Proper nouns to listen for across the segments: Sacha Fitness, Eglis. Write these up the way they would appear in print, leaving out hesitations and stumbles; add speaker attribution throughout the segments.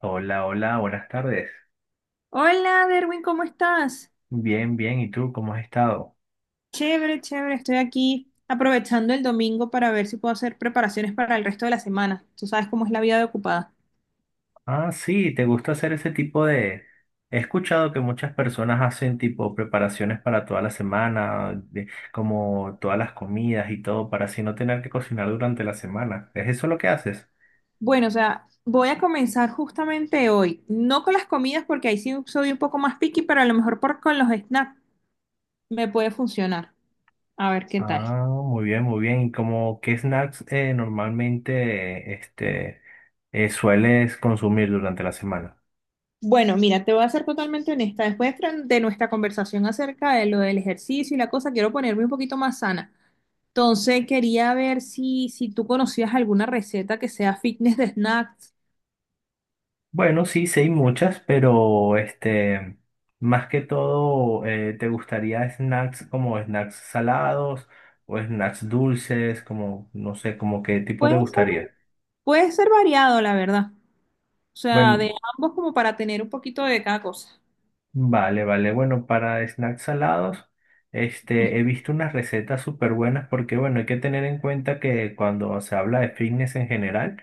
Speaker 1: Hola, hola, buenas tardes.
Speaker 2: Hola, Derwin, ¿cómo estás?
Speaker 1: Bien, bien, ¿y tú cómo has estado?
Speaker 2: Chévere, chévere, estoy aquí aprovechando el domingo para ver si puedo hacer preparaciones para el resto de la semana. Tú sabes cómo es la vida de ocupada.
Speaker 1: Ah, sí, ¿te gusta hacer ese tipo de... He escuchado que muchas personas hacen tipo preparaciones para toda la semana, como todas las comidas y todo, para así no tener que cocinar durante la semana. ¿Es eso lo que haces?
Speaker 2: Bueno, o sea, voy a comenzar justamente hoy, no con las comidas porque ahí sí soy un poco más picky, pero a lo mejor con los snacks me puede funcionar. A ver qué tal.
Speaker 1: Ah, muy bien, muy bien. ¿Y como qué snacks normalmente sueles consumir durante la semana?
Speaker 2: Bueno, mira, te voy a ser totalmente honesta. Después de nuestra conversación acerca de lo del ejercicio y la cosa, quiero ponerme un poquito más sana. Entonces quería ver si tú conocías alguna receta que sea fitness de snacks.
Speaker 1: Bueno, sí, sí hay muchas, pero más que todo, ¿te gustaría snacks como snacks salados o snacks dulces? Como, no sé, como qué tipo te
Speaker 2: Puede ser,
Speaker 1: gustaría.
Speaker 2: puede ser variado, la verdad. O sea,
Speaker 1: Bueno,
Speaker 2: de ambos como para tener un poquito de cada cosa.
Speaker 1: vale, vale. Bueno, para snacks salados, he visto unas recetas súper buenas porque, bueno, hay que tener en cuenta que cuando se habla de fitness en general,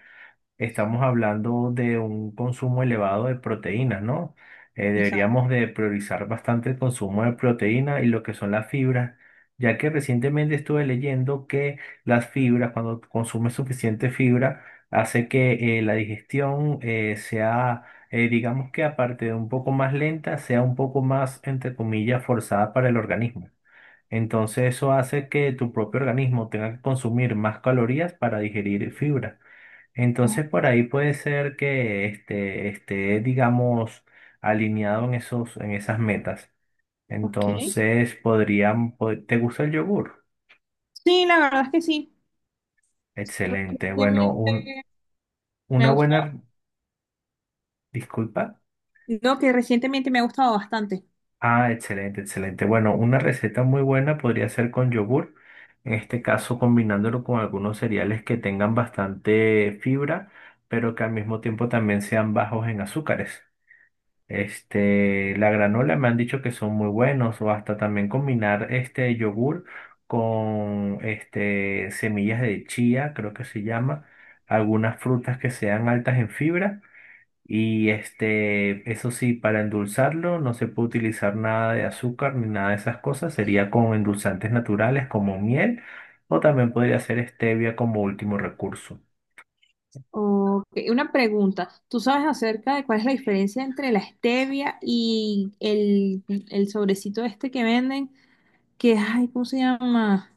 Speaker 1: estamos hablando de un consumo elevado de proteínas, ¿no?
Speaker 2: Exacto.
Speaker 1: Deberíamos de priorizar bastante el consumo de proteína y lo que son las fibras, ya que recientemente estuve leyendo que las fibras, cuando consumes suficiente fibra, hace que la digestión sea, digamos que aparte de un poco más lenta, sea un poco más, entre comillas, forzada para el organismo. Entonces eso hace que tu propio organismo tenga que consumir más calorías para digerir fibra. Entonces por ahí puede ser que esté, digamos, alineado en esos, en esas metas.
Speaker 2: Ok.
Speaker 1: Entonces podrían, ¿te gusta el yogur?
Speaker 2: Sí, la verdad es que sí.
Speaker 1: Excelente. Bueno,
Speaker 2: Recientemente
Speaker 1: un,
Speaker 2: me ha
Speaker 1: una buena,
Speaker 2: gustado.
Speaker 1: disculpa.
Speaker 2: No, que recientemente me ha gustado bastante.
Speaker 1: Ah, excelente, excelente. Bueno, una receta muy buena podría ser con yogur. En este caso, combinándolo con algunos cereales que tengan bastante fibra, pero que al mismo tiempo también sean bajos en azúcares. Este, la granola me han dicho que son muy buenos o hasta también combinar este yogur con este semillas de chía, creo que se llama, algunas frutas que sean altas en fibra y este, eso sí, para endulzarlo no se puede utilizar nada de azúcar ni nada de esas cosas, sería con endulzantes naturales como miel o también podría ser stevia como último recurso.
Speaker 2: Ok, una pregunta. ¿Tú sabes acerca de cuál es la diferencia entre la stevia y el sobrecito este que venden? Que, ay, ¿cómo se llama?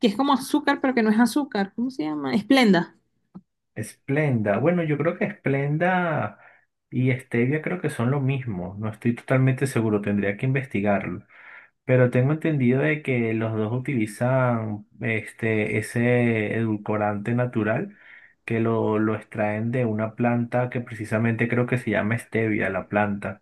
Speaker 2: Que es como azúcar, pero que no es azúcar. ¿Cómo se llama? Esplenda.
Speaker 1: Splenda. Bueno, yo creo que Splenda y Stevia creo que son lo mismo. No estoy totalmente seguro, tendría que investigarlo. Pero tengo entendido de que los dos utilizan ese edulcorante natural que lo extraen de una planta que precisamente creo que se llama Stevia, la planta.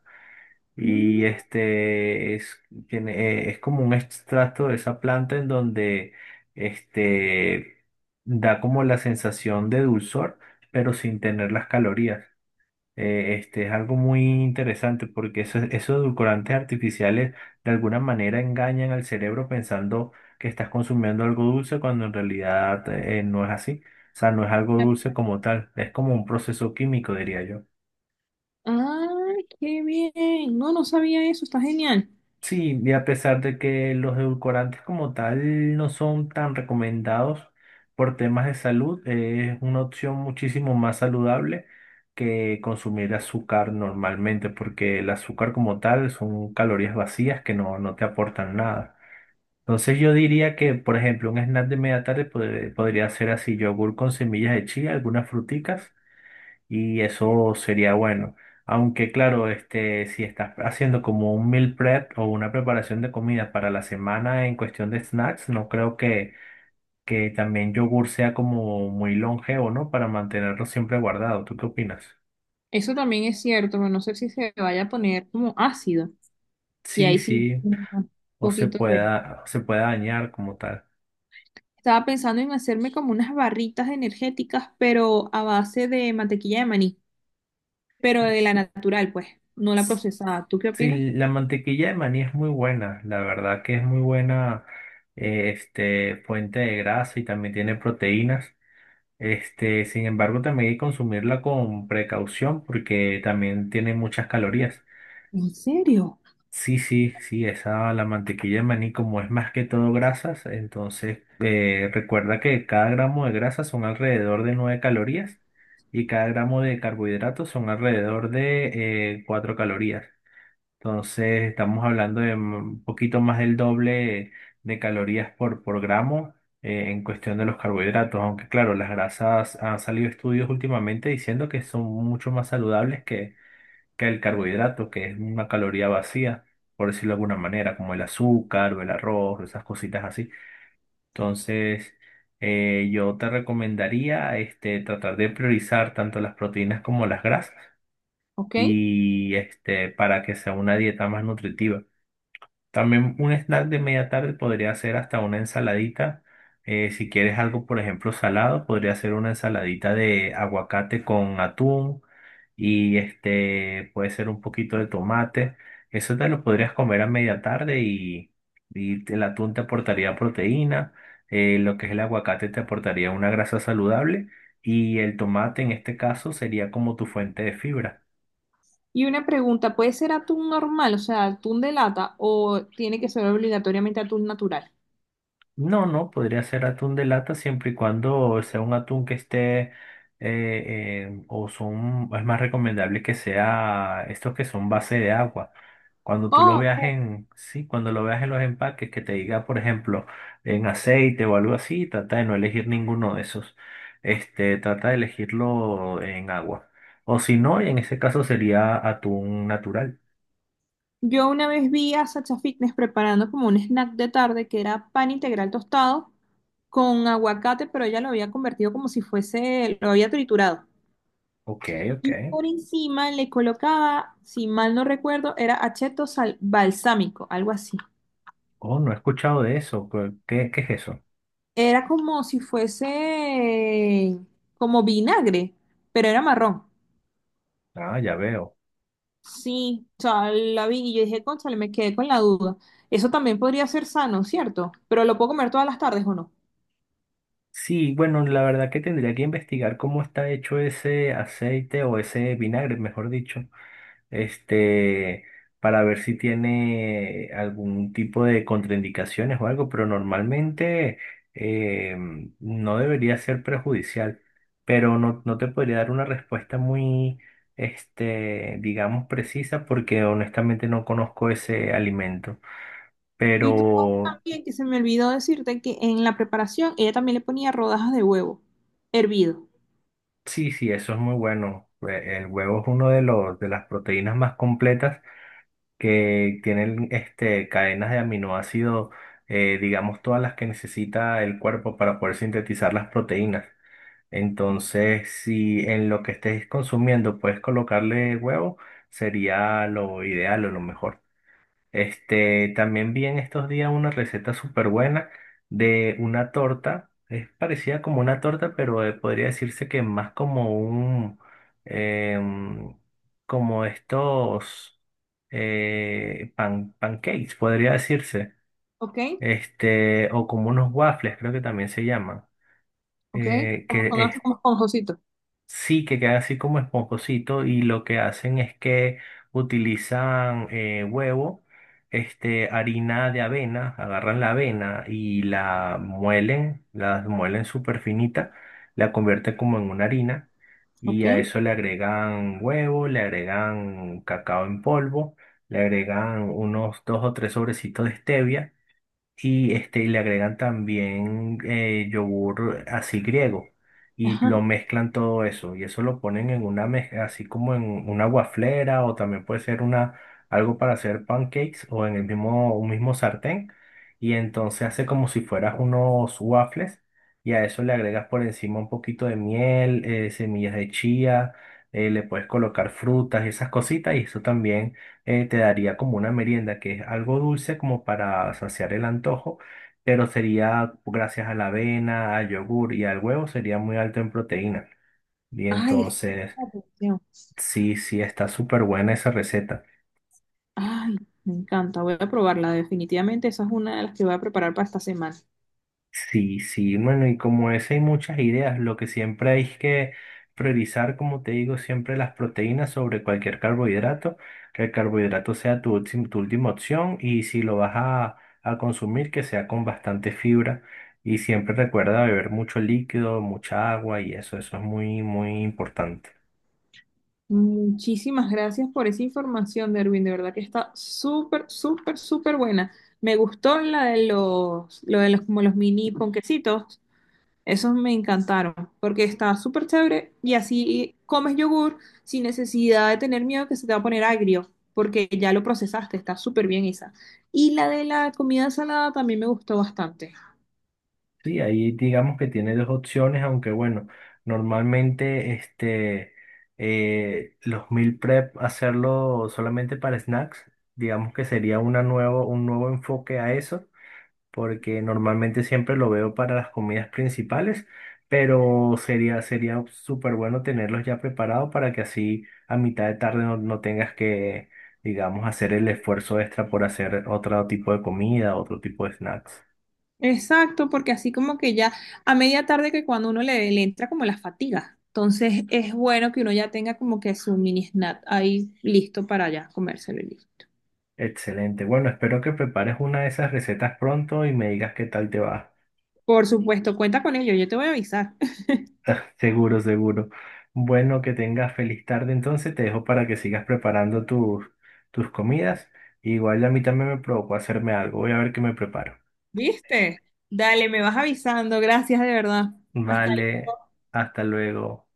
Speaker 1: Y
Speaker 2: Mm,
Speaker 1: este es, tiene, es como un extracto de esa planta en donde este, da como la sensación de dulzor, pero sin tener las calorías. Este es algo muy interesante porque esos edulcorantes artificiales de alguna manera engañan al cerebro pensando que estás consumiendo algo dulce cuando en realidad no es así. O sea, no es algo dulce como tal, es como un proceso químico, diría yo.
Speaker 2: Ay, qué bien. No, no sabía eso, está genial.
Speaker 1: Sí, y a pesar de que los edulcorantes como tal no son tan recomendados por temas de salud, es una opción muchísimo más saludable que consumir azúcar normalmente, porque el azúcar como tal son calorías vacías que no te aportan nada. Entonces yo diría que, por ejemplo, un snack de media tarde podría ser así, yogur con semillas de chía, algunas fruticas y eso sería bueno. Aunque claro, si estás haciendo como un meal prep o una preparación de comida para la semana en cuestión de snacks, no creo que también yogur sea como muy longevo, ¿no? Para mantenerlo siempre guardado. ¿Tú qué opinas?
Speaker 2: Eso también es cierto, pero no sé si se vaya a poner como ácido. Y
Speaker 1: Sí,
Speaker 2: ahí sí,
Speaker 1: sí,
Speaker 2: un
Speaker 1: o se
Speaker 2: poquito de...
Speaker 1: pueda dañar como tal.
Speaker 2: Estaba pensando en hacerme como unas barritas energéticas, pero a base de mantequilla de maní, pero de la natural, pues, no la
Speaker 1: S-
Speaker 2: procesada. ¿Tú qué opinas?
Speaker 1: Sí, la mantequilla de maní es muy buena, la verdad que es muy buena, fuente de grasa y también tiene proteínas. Este, sin embargo, también hay que consumirla con precaución porque también tiene muchas calorías.
Speaker 2: ¿En serio?
Speaker 1: Sí, sí, sí, esa, la mantequilla de maní, como es más que todo grasas, entonces recuerda que cada gramo de grasa son alrededor de 9 calorías y cada gramo de carbohidratos son alrededor de 4 calorías. Entonces, estamos hablando de un poquito más del doble de calorías por gramo en cuestión de los carbohidratos, aunque claro, las grasas han salido estudios últimamente diciendo que son mucho más saludables que el carbohidrato, que es una caloría vacía, por decirlo de alguna manera, como el azúcar o el arroz, esas cositas así. Entonces, yo te recomendaría tratar de priorizar tanto las proteínas como las grasas
Speaker 2: ¿Ok?
Speaker 1: y este, para que sea una dieta más nutritiva. También un snack de media tarde podría ser hasta una ensaladita. Si quieres algo, por ejemplo, salado, podría ser una ensaladita de aguacate con atún y este puede ser un poquito de tomate. Eso te lo podrías comer a media tarde y el atún te aportaría proteína, lo que es el aguacate te aportaría una grasa saludable y el tomate en este caso sería como tu fuente de fibra.
Speaker 2: Y una pregunta, ¿puede ser atún normal, o sea, atún de lata, o tiene que ser obligatoriamente atún natural?
Speaker 1: No, no, podría ser atún de lata siempre y cuando sea un atún que esté, o son, es más recomendable que sea estos que son base de agua. Cuando tú lo
Speaker 2: Oh,
Speaker 1: veas
Speaker 2: ok.
Speaker 1: en, sí, cuando lo veas en los empaques, que te diga, por ejemplo, en aceite o algo así, trata de no elegir ninguno de esos. Este, trata de elegirlo en agua. O si no, en ese caso sería atún natural.
Speaker 2: Yo una vez vi a Sacha Fitness preparando como un snack de tarde que era pan integral tostado con aguacate, pero ella lo había convertido como si fuese, lo había triturado.
Speaker 1: Ok, ok.
Speaker 2: Y por encima le colocaba, si mal no recuerdo, era acheto balsámico, algo así.
Speaker 1: Oh, no he escuchado de eso. ¿Qué, qué es eso?
Speaker 2: Era como si fuese como vinagre, pero era marrón.
Speaker 1: Ah, ya veo.
Speaker 2: Sí, o sea, la vi y yo dije, cónchale, me quedé con la duda. Eso también podría ser sano, ¿cierto? Pero lo puedo comer todas las tardes o no.
Speaker 1: Sí, bueno, la verdad que tendría que investigar cómo está hecho ese aceite o ese vinagre, mejor dicho, este, para ver si tiene algún tipo de contraindicaciones o algo, pero normalmente eh, no debería ser perjudicial, pero no te podría dar una respuesta muy, digamos, precisa porque honestamente no conozco ese alimento.
Speaker 2: Y tú sabes
Speaker 1: Pero
Speaker 2: también que se me olvidó decirte que en la preparación ella también le ponía rodajas de huevo hervido.
Speaker 1: sí, sí, eso es muy bueno. El huevo es uno de los de las proteínas más completas que tienen este cadenas de aminoácidos, digamos todas las que necesita el cuerpo para poder sintetizar las proteínas. Entonces, si en lo que estés consumiendo puedes colocarle huevo, sería lo ideal o lo mejor. Este, también vi en estos días una receta súper buena de una torta. Es parecida como una torta, pero podría decirse que más como un, em, como estos pancakes, podría decirse.
Speaker 2: ¿Ok?
Speaker 1: Este, o como unos waffles, creo que también se llaman.
Speaker 2: ¿Ok? Como con
Speaker 1: Que
Speaker 2: como esponjosito.
Speaker 1: Sí, que queda así como esponjosito y lo que hacen es que utilizan huevo, harina de avena, agarran la avena y la muelen súper finita, la convierten como en una harina y
Speaker 2: ¿Ok?
Speaker 1: a eso le agregan huevo, le agregan cacao en polvo, le agregan unos dos o tres sobrecitos de stevia y le agregan también yogur así griego y
Speaker 2: Ajá.
Speaker 1: lo mezclan todo eso y eso lo ponen en una mezcla así como en una waflera o también puede ser una algo para hacer pancakes o en el mismo un mismo sartén y entonces hace como si fueras unos waffles y a eso le agregas por encima un poquito de miel, semillas de chía, le puedes colocar frutas y esas cositas y eso también te daría como una merienda que es algo dulce como para saciar el antojo, pero sería gracias a la avena, al yogur y al huevo sería muy alto en proteína. Y
Speaker 2: Ay, es que
Speaker 1: entonces,
Speaker 2: llama atención.
Speaker 1: sí, sí, está súper buena esa receta.
Speaker 2: Ay, me encanta. Voy a probarla. Definitivamente esa es una de las que voy a preparar para esta semana.
Speaker 1: Sí, sí, bueno, y como es, hay muchas ideas. Lo que siempre hay es que priorizar, como te digo, siempre las proteínas sobre cualquier carbohidrato, que el carbohidrato sea tu última opción y si lo vas a consumir, que sea con bastante fibra. Y siempre recuerda beber mucho líquido, mucha agua y eso es muy, muy importante.
Speaker 2: Muchísimas gracias por esa información, Derwin. De verdad que está súper, súper, súper buena. Me gustó la de los, lo de los, como los mini ponquecitos. Esos me encantaron porque está súper chévere y así comes yogur sin necesidad de tener miedo que se te va a poner agrio porque ya lo procesaste. Está súper bien esa. Y la de la comida salada también me gustó bastante.
Speaker 1: Sí, ahí digamos que tiene dos opciones, aunque bueno, normalmente los meal prep hacerlo solamente para snacks, digamos que sería un nuevo enfoque a eso, porque normalmente siempre lo veo para las comidas principales, pero sería súper bueno tenerlos ya preparados para que así a mitad de tarde no tengas digamos, hacer el esfuerzo extra por hacer otro tipo de comida, otro tipo de snacks.
Speaker 2: Exacto, porque así como que ya a media tarde que cuando uno le entra como la fatiga, entonces es bueno que uno ya tenga como que su mini snack ahí listo para ya comérselo y listo.
Speaker 1: Excelente. Bueno, espero que prepares una de esas recetas pronto y me digas qué tal te va.
Speaker 2: Por supuesto, cuenta con ello, yo te voy a avisar.
Speaker 1: Seguro, seguro. Bueno, que tengas feliz tarde. Entonces te dejo para que sigas preparando tus comidas. Igual a mí también me provocó hacerme algo. Voy a ver qué me preparo.
Speaker 2: ¿Viste? Dale, me vas avisando, gracias de verdad. Hasta
Speaker 1: Vale, hasta luego.